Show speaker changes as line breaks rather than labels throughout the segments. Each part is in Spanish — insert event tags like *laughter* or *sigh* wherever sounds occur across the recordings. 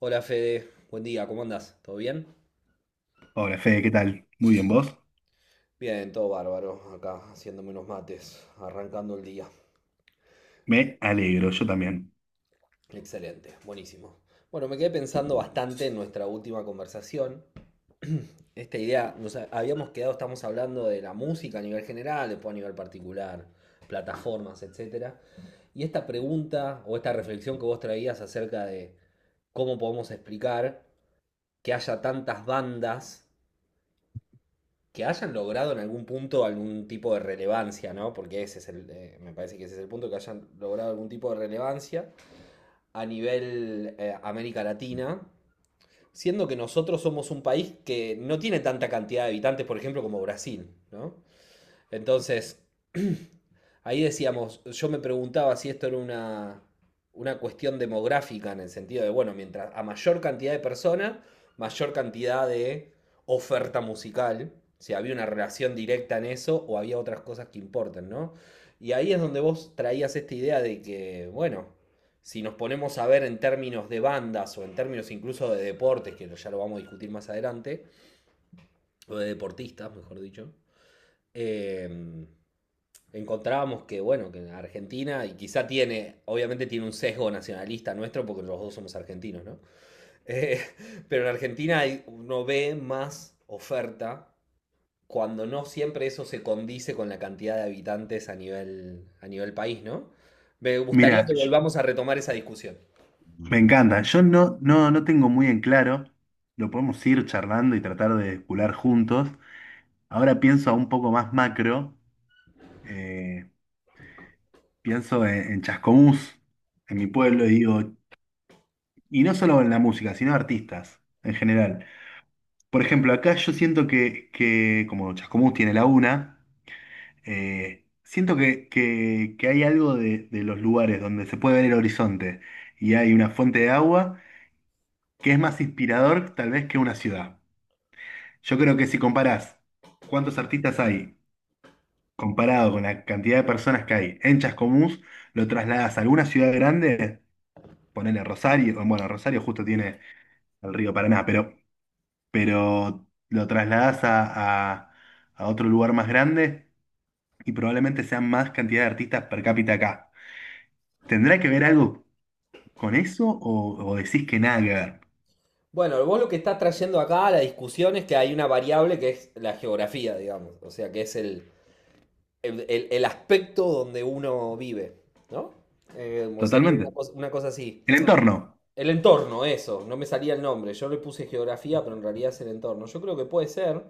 Hola Fede, buen día, ¿cómo andás? ¿Todo bien?
Hola Fede, ¿qué tal? Muy bien, ¿vos?
Bien, todo bárbaro, acá haciéndome unos mates, arrancando el día.
Me alegro, yo también.
Excelente, buenísimo. Bueno, me quedé pensando bastante en nuestra última conversación. Esta idea, nos habíamos quedado, estamos hablando de la música a nivel general, después a nivel particular, plataformas, etcétera. Y esta pregunta o esta reflexión que vos traías acerca de cómo podemos explicar que haya tantas bandas que hayan logrado en algún punto algún tipo de relevancia, ¿no? Porque me parece que ese es el punto, que hayan logrado algún tipo de relevancia a nivel América Latina, siendo que nosotros somos un país que no tiene tanta cantidad de habitantes, por ejemplo, como Brasil, ¿no? Entonces, ahí decíamos, yo me preguntaba si esto era una cuestión demográfica en el sentido de, bueno, mientras a mayor cantidad de personas, mayor cantidad de oferta musical, si había una relación directa en eso o había otras cosas que importan, ¿no? Y ahí es donde vos traías esta idea de que, bueno, si nos ponemos a ver en términos de bandas o en términos incluso de deportes, que ya lo vamos a discutir más adelante, o de deportistas, mejor dicho, eh, encontrábamos que, bueno, que Argentina, y quizá tiene, obviamente tiene un sesgo nacionalista nuestro, porque los dos somos argentinos, ¿no? *laughs* Eh, pero en Argentina uno ve más oferta cuando no siempre eso se condice con la cantidad de habitantes a nivel país, ¿no? Me gustaría
Mira,
que volvamos a retomar esa discusión.
me encanta. Yo no tengo muy en claro. Lo podemos ir charlando y tratar de cular juntos. Ahora pienso a un poco más macro. eh, Pienso en Chascomús, en mi pueblo, y digo, y no solo en la música, sino artistas en general. Por ejemplo, acá yo siento que como Chascomús tiene la UNA. Siento que hay algo de los lugares donde se puede ver el horizonte y hay una fuente de agua que es más inspirador tal vez que una ciudad. Yo
Ujú.
creo que si comparás cuántos artistas hay comparado con la cantidad de personas que hay en Chascomús, lo trasladas a alguna ciudad grande, ponele Rosario. Bueno, Rosario justo tiene el río Paraná, pero lo trasladas a otro lugar más grande y probablemente sean más cantidad de artistas per cápita acá. ¿Tendrá que ver algo con eso o decís que nada que ver?
Bueno, vos lo que estás trayendo acá a la discusión es que hay una variable que es la geografía, digamos, o sea, que es el aspecto donde uno vive, ¿no? Como sería
Totalmente.
una cosa así.
El entorno.
El entorno, eso, no me salía el nombre. Yo le puse geografía, pero en realidad es el entorno. Yo creo que puede ser.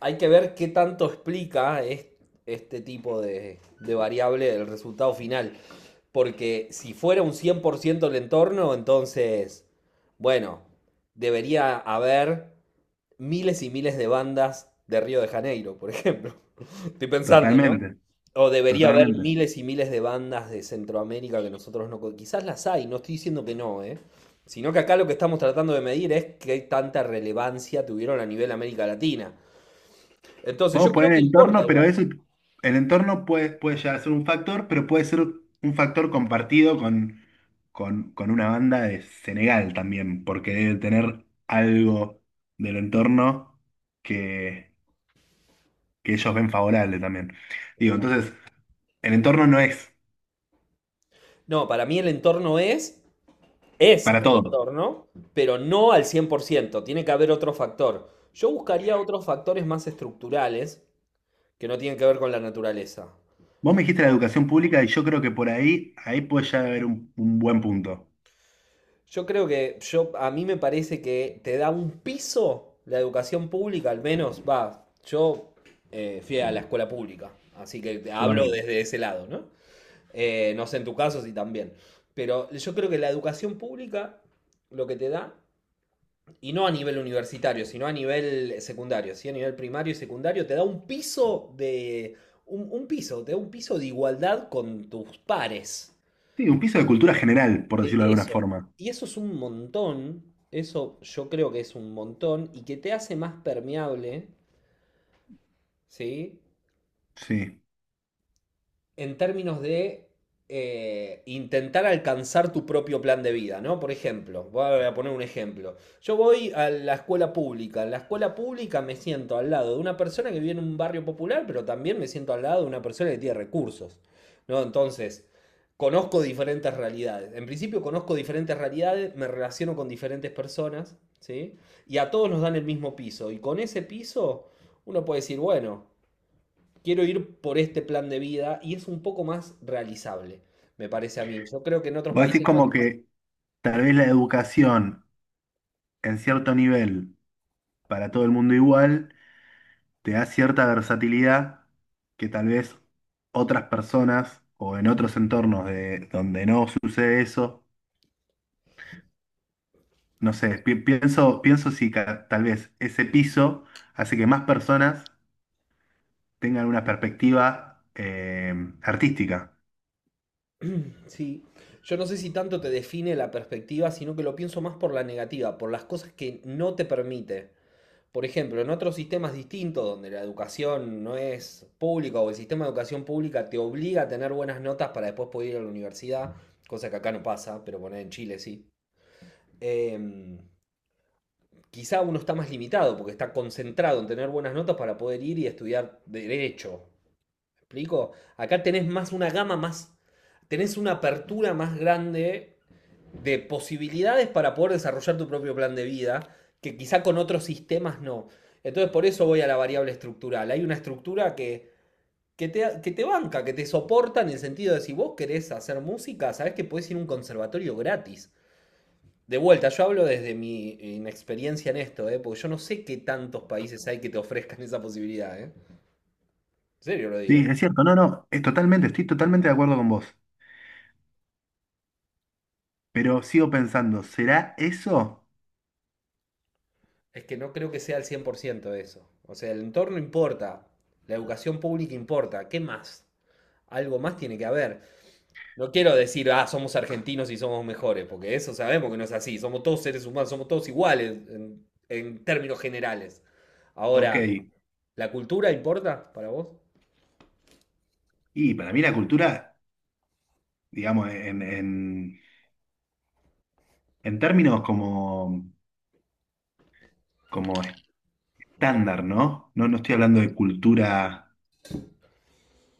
Hay que ver qué tanto explica este tipo de variable el resultado final. Porque si fuera un 100% el entorno, entonces, bueno, debería haber miles y miles de bandas de Río de Janeiro, por ejemplo. *laughs* Estoy pensando, ¿no?
Totalmente.
O debería haber
Totalmente.
miles y miles de bandas de Centroamérica que nosotros no. Quizás las hay, no estoy diciendo que no, ¿eh? Sino que acá lo que estamos tratando de medir es qué tanta relevancia tuvieron a nivel América Latina. Entonces yo
Podemos
creo
poner el
que importa
entorno, pero
igual.
eso, el entorno puede llegar a ser un factor, pero puede ser un factor compartido con una banda de Senegal también, porque debe tener algo del entorno que, que ellos ven favorable también. Digo, entonces, el entorno no es
No, para mí el entorno es
para
el
todos.
entorno, pero no al 100%. Tiene que haber otro factor. Yo buscaría otros factores más estructurales que no tienen que ver con la naturaleza.
Vos me dijiste la
O-
educación pública y yo creo que por ahí, ahí puede ya haber un buen punto.
Yo creo que a mí me parece que te da un piso la educación pública, al menos, va, yo fui a la escuela pública, así que te
Yo
hablo
también.
desde ese lado, ¿no? No sé en tu caso si también, pero yo creo que la educación pública lo que te da, y no a nivel universitario, sino a nivel secundario, sí, a nivel primario y secundario, te da un piso de, un piso, te da un piso de igualdad con tus pares.
Sí, un piso de cultura general, por
De
decirlo de alguna
eso.
forma.
Y eso es un montón, eso yo creo que es un montón y que te hace más permeable, ¿sí?
Sí.
En términos de intentar alcanzar tu propio plan de vida, ¿no? Por ejemplo, voy a poner un ejemplo. Yo voy a la escuela pública. En la escuela pública me siento al lado de una persona que vive en un barrio popular, pero también me siento al lado de una persona que tiene recursos, ¿no? Entonces, conozco diferentes realidades. En principio conozco diferentes realidades, me relaciono con diferentes personas, ¿sí? Y a todos nos dan el mismo piso. Y con ese piso uno puede decir, bueno, quiero ir por este plan de vida y es un poco más realizable, me parece a mí. Yo creo que en otros
Vos decís
países no es
como
tan así.
que tal vez la educación en cierto nivel, para todo el mundo igual, te da cierta versatilidad que tal vez otras personas o en otros entornos donde no sucede eso, no sé, pienso si tal vez ese piso hace que más personas tengan una perspectiva artística.
Sí, yo no sé si tanto te define la perspectiva, sino que lo pienso más por la negativa, por las cosas que no te permite. Por ejemplo, en otros sistemas distintos, donde la educación no es pública o el sistema de educación pública te obliga a tener buenas notas para después poder ir a la universidad, cosa que acá no pasa, pero bueno en Chile sí. Em, Quizá uno está más limitado porque está concentrado en tener buenas notas para poder ir y estudiar derecho. ¿Me explico? Acá tenés más una gama más, tenés una apertura más grande de posibilidades para poder desarrollar tu propio plan de vida, que quizá con otros sistemas no. Entonces por eso voy a la variable estructural. Hay una estructura que te banca, que te soporta en el sentido de si vos querés hacer música, sabés que podés ir a un conservatorio gratis. De vuelta, yo hablo desde mi inexperiencia en esto, ¿eh? Porque yo no sé qué tantos países hay que te ofrezcan esa posibilidad. ¿Eh? En serio lo digo.
Sí, es cierto, no, no, es totalmente, estoy totalmente de acuerdo con vos, pero sigo pensando, ¿será eso?
Es que no creo que sea el 100% eso. O sea, el entorno importa, la educación pública importa, ¿qué más? Algo más tiene que haber. No quiero decir, ah, somos argentinos y somos mejores, porque eso sabemos que no es así. Somos todos seres humanos, somos todos iguales en términos generales.
Ok,
Ahora, ¿la cultura importa para vos?
y para mí la cultura, digamos, en términos como, como estándar, ¿no? No estoy hablando de cultura,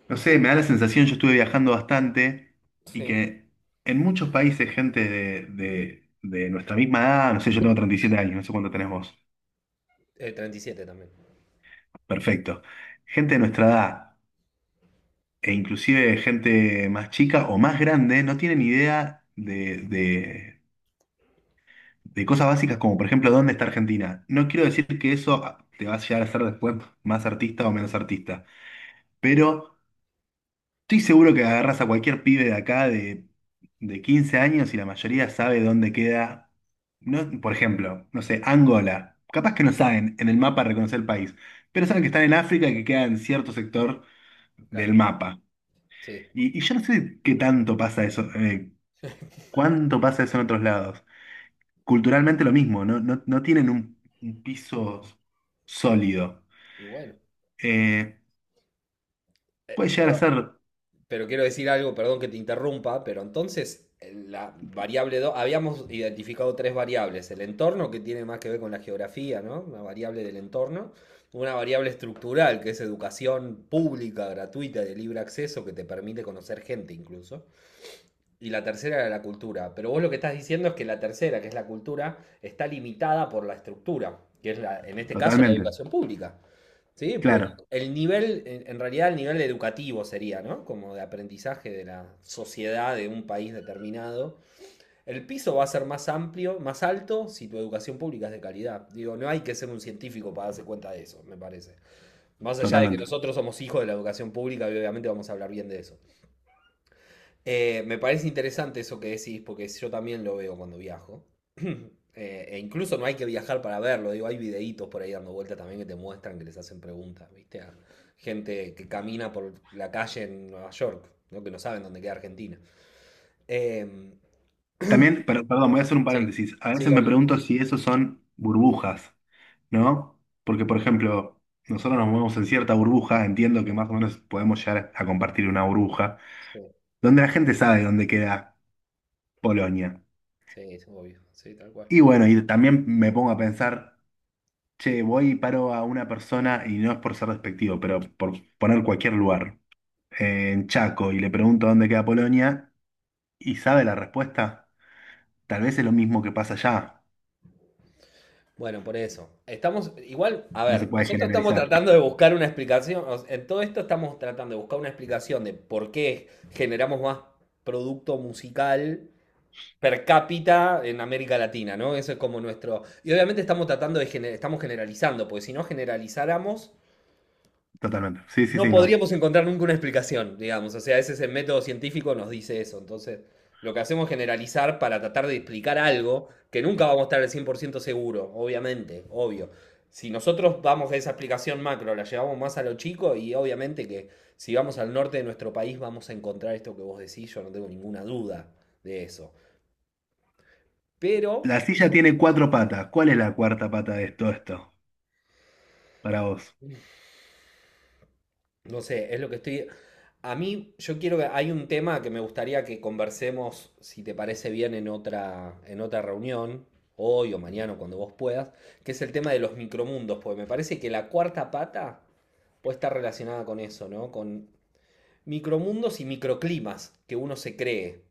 no sé, me da la sensación, yo estuve viajando bastante y
Sí.
que en muchos países gente de nuestra misma edad, no sé, yo tengo 37 años, no sé cuánto tenés vos.
37 también,
Perfecto. Gente de nuestra edad, e inclusive gente más chica o más grande, no tienen idea de cosas básicas como, por ejemplo, dónde está Argentina. No quiero decir que eso ah, te va a llegar a hacer después más artista o menos artista, pero estoy seguro que agarras a cualquier pibe de acá de 15 años y la mayoría sabe dónde queda, no, por ejemplo, no sé, Angola. Capaz que no saben en el mapa reconocer el país, pero saben que están en África y que queda en cierto sector del
claro.
mapa.
Sí,
Y yo no sé qué tanto pasa eso, cuánto pasa eso en otros lados. Culturalmente lo mismo, no tienen un piso sólido.
y bueno.
Eh, Puede llegar a
Perdón,
ser
pero quiero decir algo, perdón que te interrumpa, pero entonces la variable 2 habíamos identificado tres variables, el entorno que tiene más que ver con la geografía, ¿no? Una variable del entorno, una variable estructural que es educación pública, gratuita, de libre acceso, que te permite conocer gente incluso, y la tercera era la cultura, pero vos lo que estás diciendo es que la tercera, que es la cultura, está limitada por la estructura, que es en este caso la
totalmente,
educación pública. Sí, porque
claro,
el nivel, en realidad el nivel educativo sería, ¿no? Como de aprendizaje de la sociedad de un país determinado. El piso va a ser más amplio, más alto, si tu educación pública es de calidad. Digo, no hay que ser un científico para darse cuenta de eso, me parece. Más allá de que
totalmente.
nosotros somos hijos de la educación pública y obviamente vamos a hablar bien de eso. Me parece interesante eso que decís, porque yo también lo veo cuando viajo. *clears throat* E incluso no hay que viajar para verlo, digo, hay videitos por ahí dando vueltas también que te muestran, que les hacen preguntas, ¿viste? A gente que camina por la calle en Nueva York, ¿no? Que no saben dónde queda Argentina. Em,
También, pero, perdón, voy a hacer un
sí,
paréntesis. A
sí,
veces me
obvio.
pregunto si esos son burbujas, ¿no? Porque, por ejemplo, nosotros nos movemos en cierta burbuja, entiendo que más o menos podemos llegar a compartir una burbuja,
Sí,
donde la gente sabe dónde queda Polonia.
sí, es obvio, sí, tal cual.
Y bueno, y también me pongo a pensar. Che, voy y paro a una persona, y no es por ser despectivo, pero por poner cualquier lugar, en Chaco, y le pregunto dónde queda Polonia, y sabe la respuesta, tal vez es lo mismo que pasa allá.
Bueno, por eso. Estamos, igual, a
No se
ver,
puede
nosotros estamos
generalizar.
tratando de buscar una explicación, o sea, en todo esto estamos tratando de buscar una explicación de por qué generamos más producto musical per cápita en América Latina, ¿no? Eso es como nuestro. Y obviamente estamos generalizando, porque si no generalizáramos,
Totalmente. Sí, sí,
no
sí, no.
podríamos encontrar nunca una explicación, digamos. O sea, ese es el método científico, nos dice eso. Entonces, lo que hacemos es generalizar para tratar de explicar algo que nunca vamos a estar al 100% seguro, obviamente, obvio. Si nosotros vamos a esa explicación macro, la llevamos más a lo chico y obviamente que si vamos al norte de nuestro país vamos a encontrar esto que vos decís, yo no tengo ninguna duda de eso. Pero
La silla tiene cuatro patas. ¿Cuál es la cuarta pata de todo esto? Para vos.
No sé, es lo que estoy. A mí, yo quiero que. Hay un tema que me gustaría que conversemos, si te parece bien, en otra reunión, hoy o mañana, o cuando vos puedas, que es el tema de los micromundos, porque me parece que la cuarta pata puede estar relacionada con eso, ¿no? Con micromundos y microclimas que uno se cree.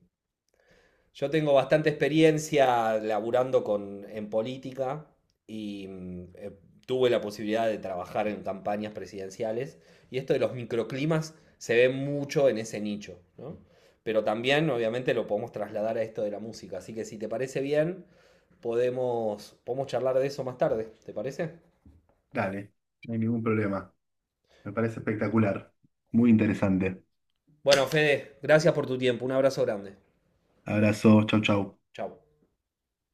Yo tengo bastante experiencia laburando en política y tuve la posibilidad de trabajar en campañas presidenciales y esto de los microclimas se ve mucho en ese nicho, ¿no? Pero también obviamente lo podemos trasladar a esto de la música, así que si te parece bien, podemos charlar de eso más tarde, ¿te parece?
Dale, no hay ningún problema. Me parece espectacular. Muy interesante.
Bueno, Fede, gracias por tu tiempo, un abrazo grande,
Abrazo, chau, chau.
chao.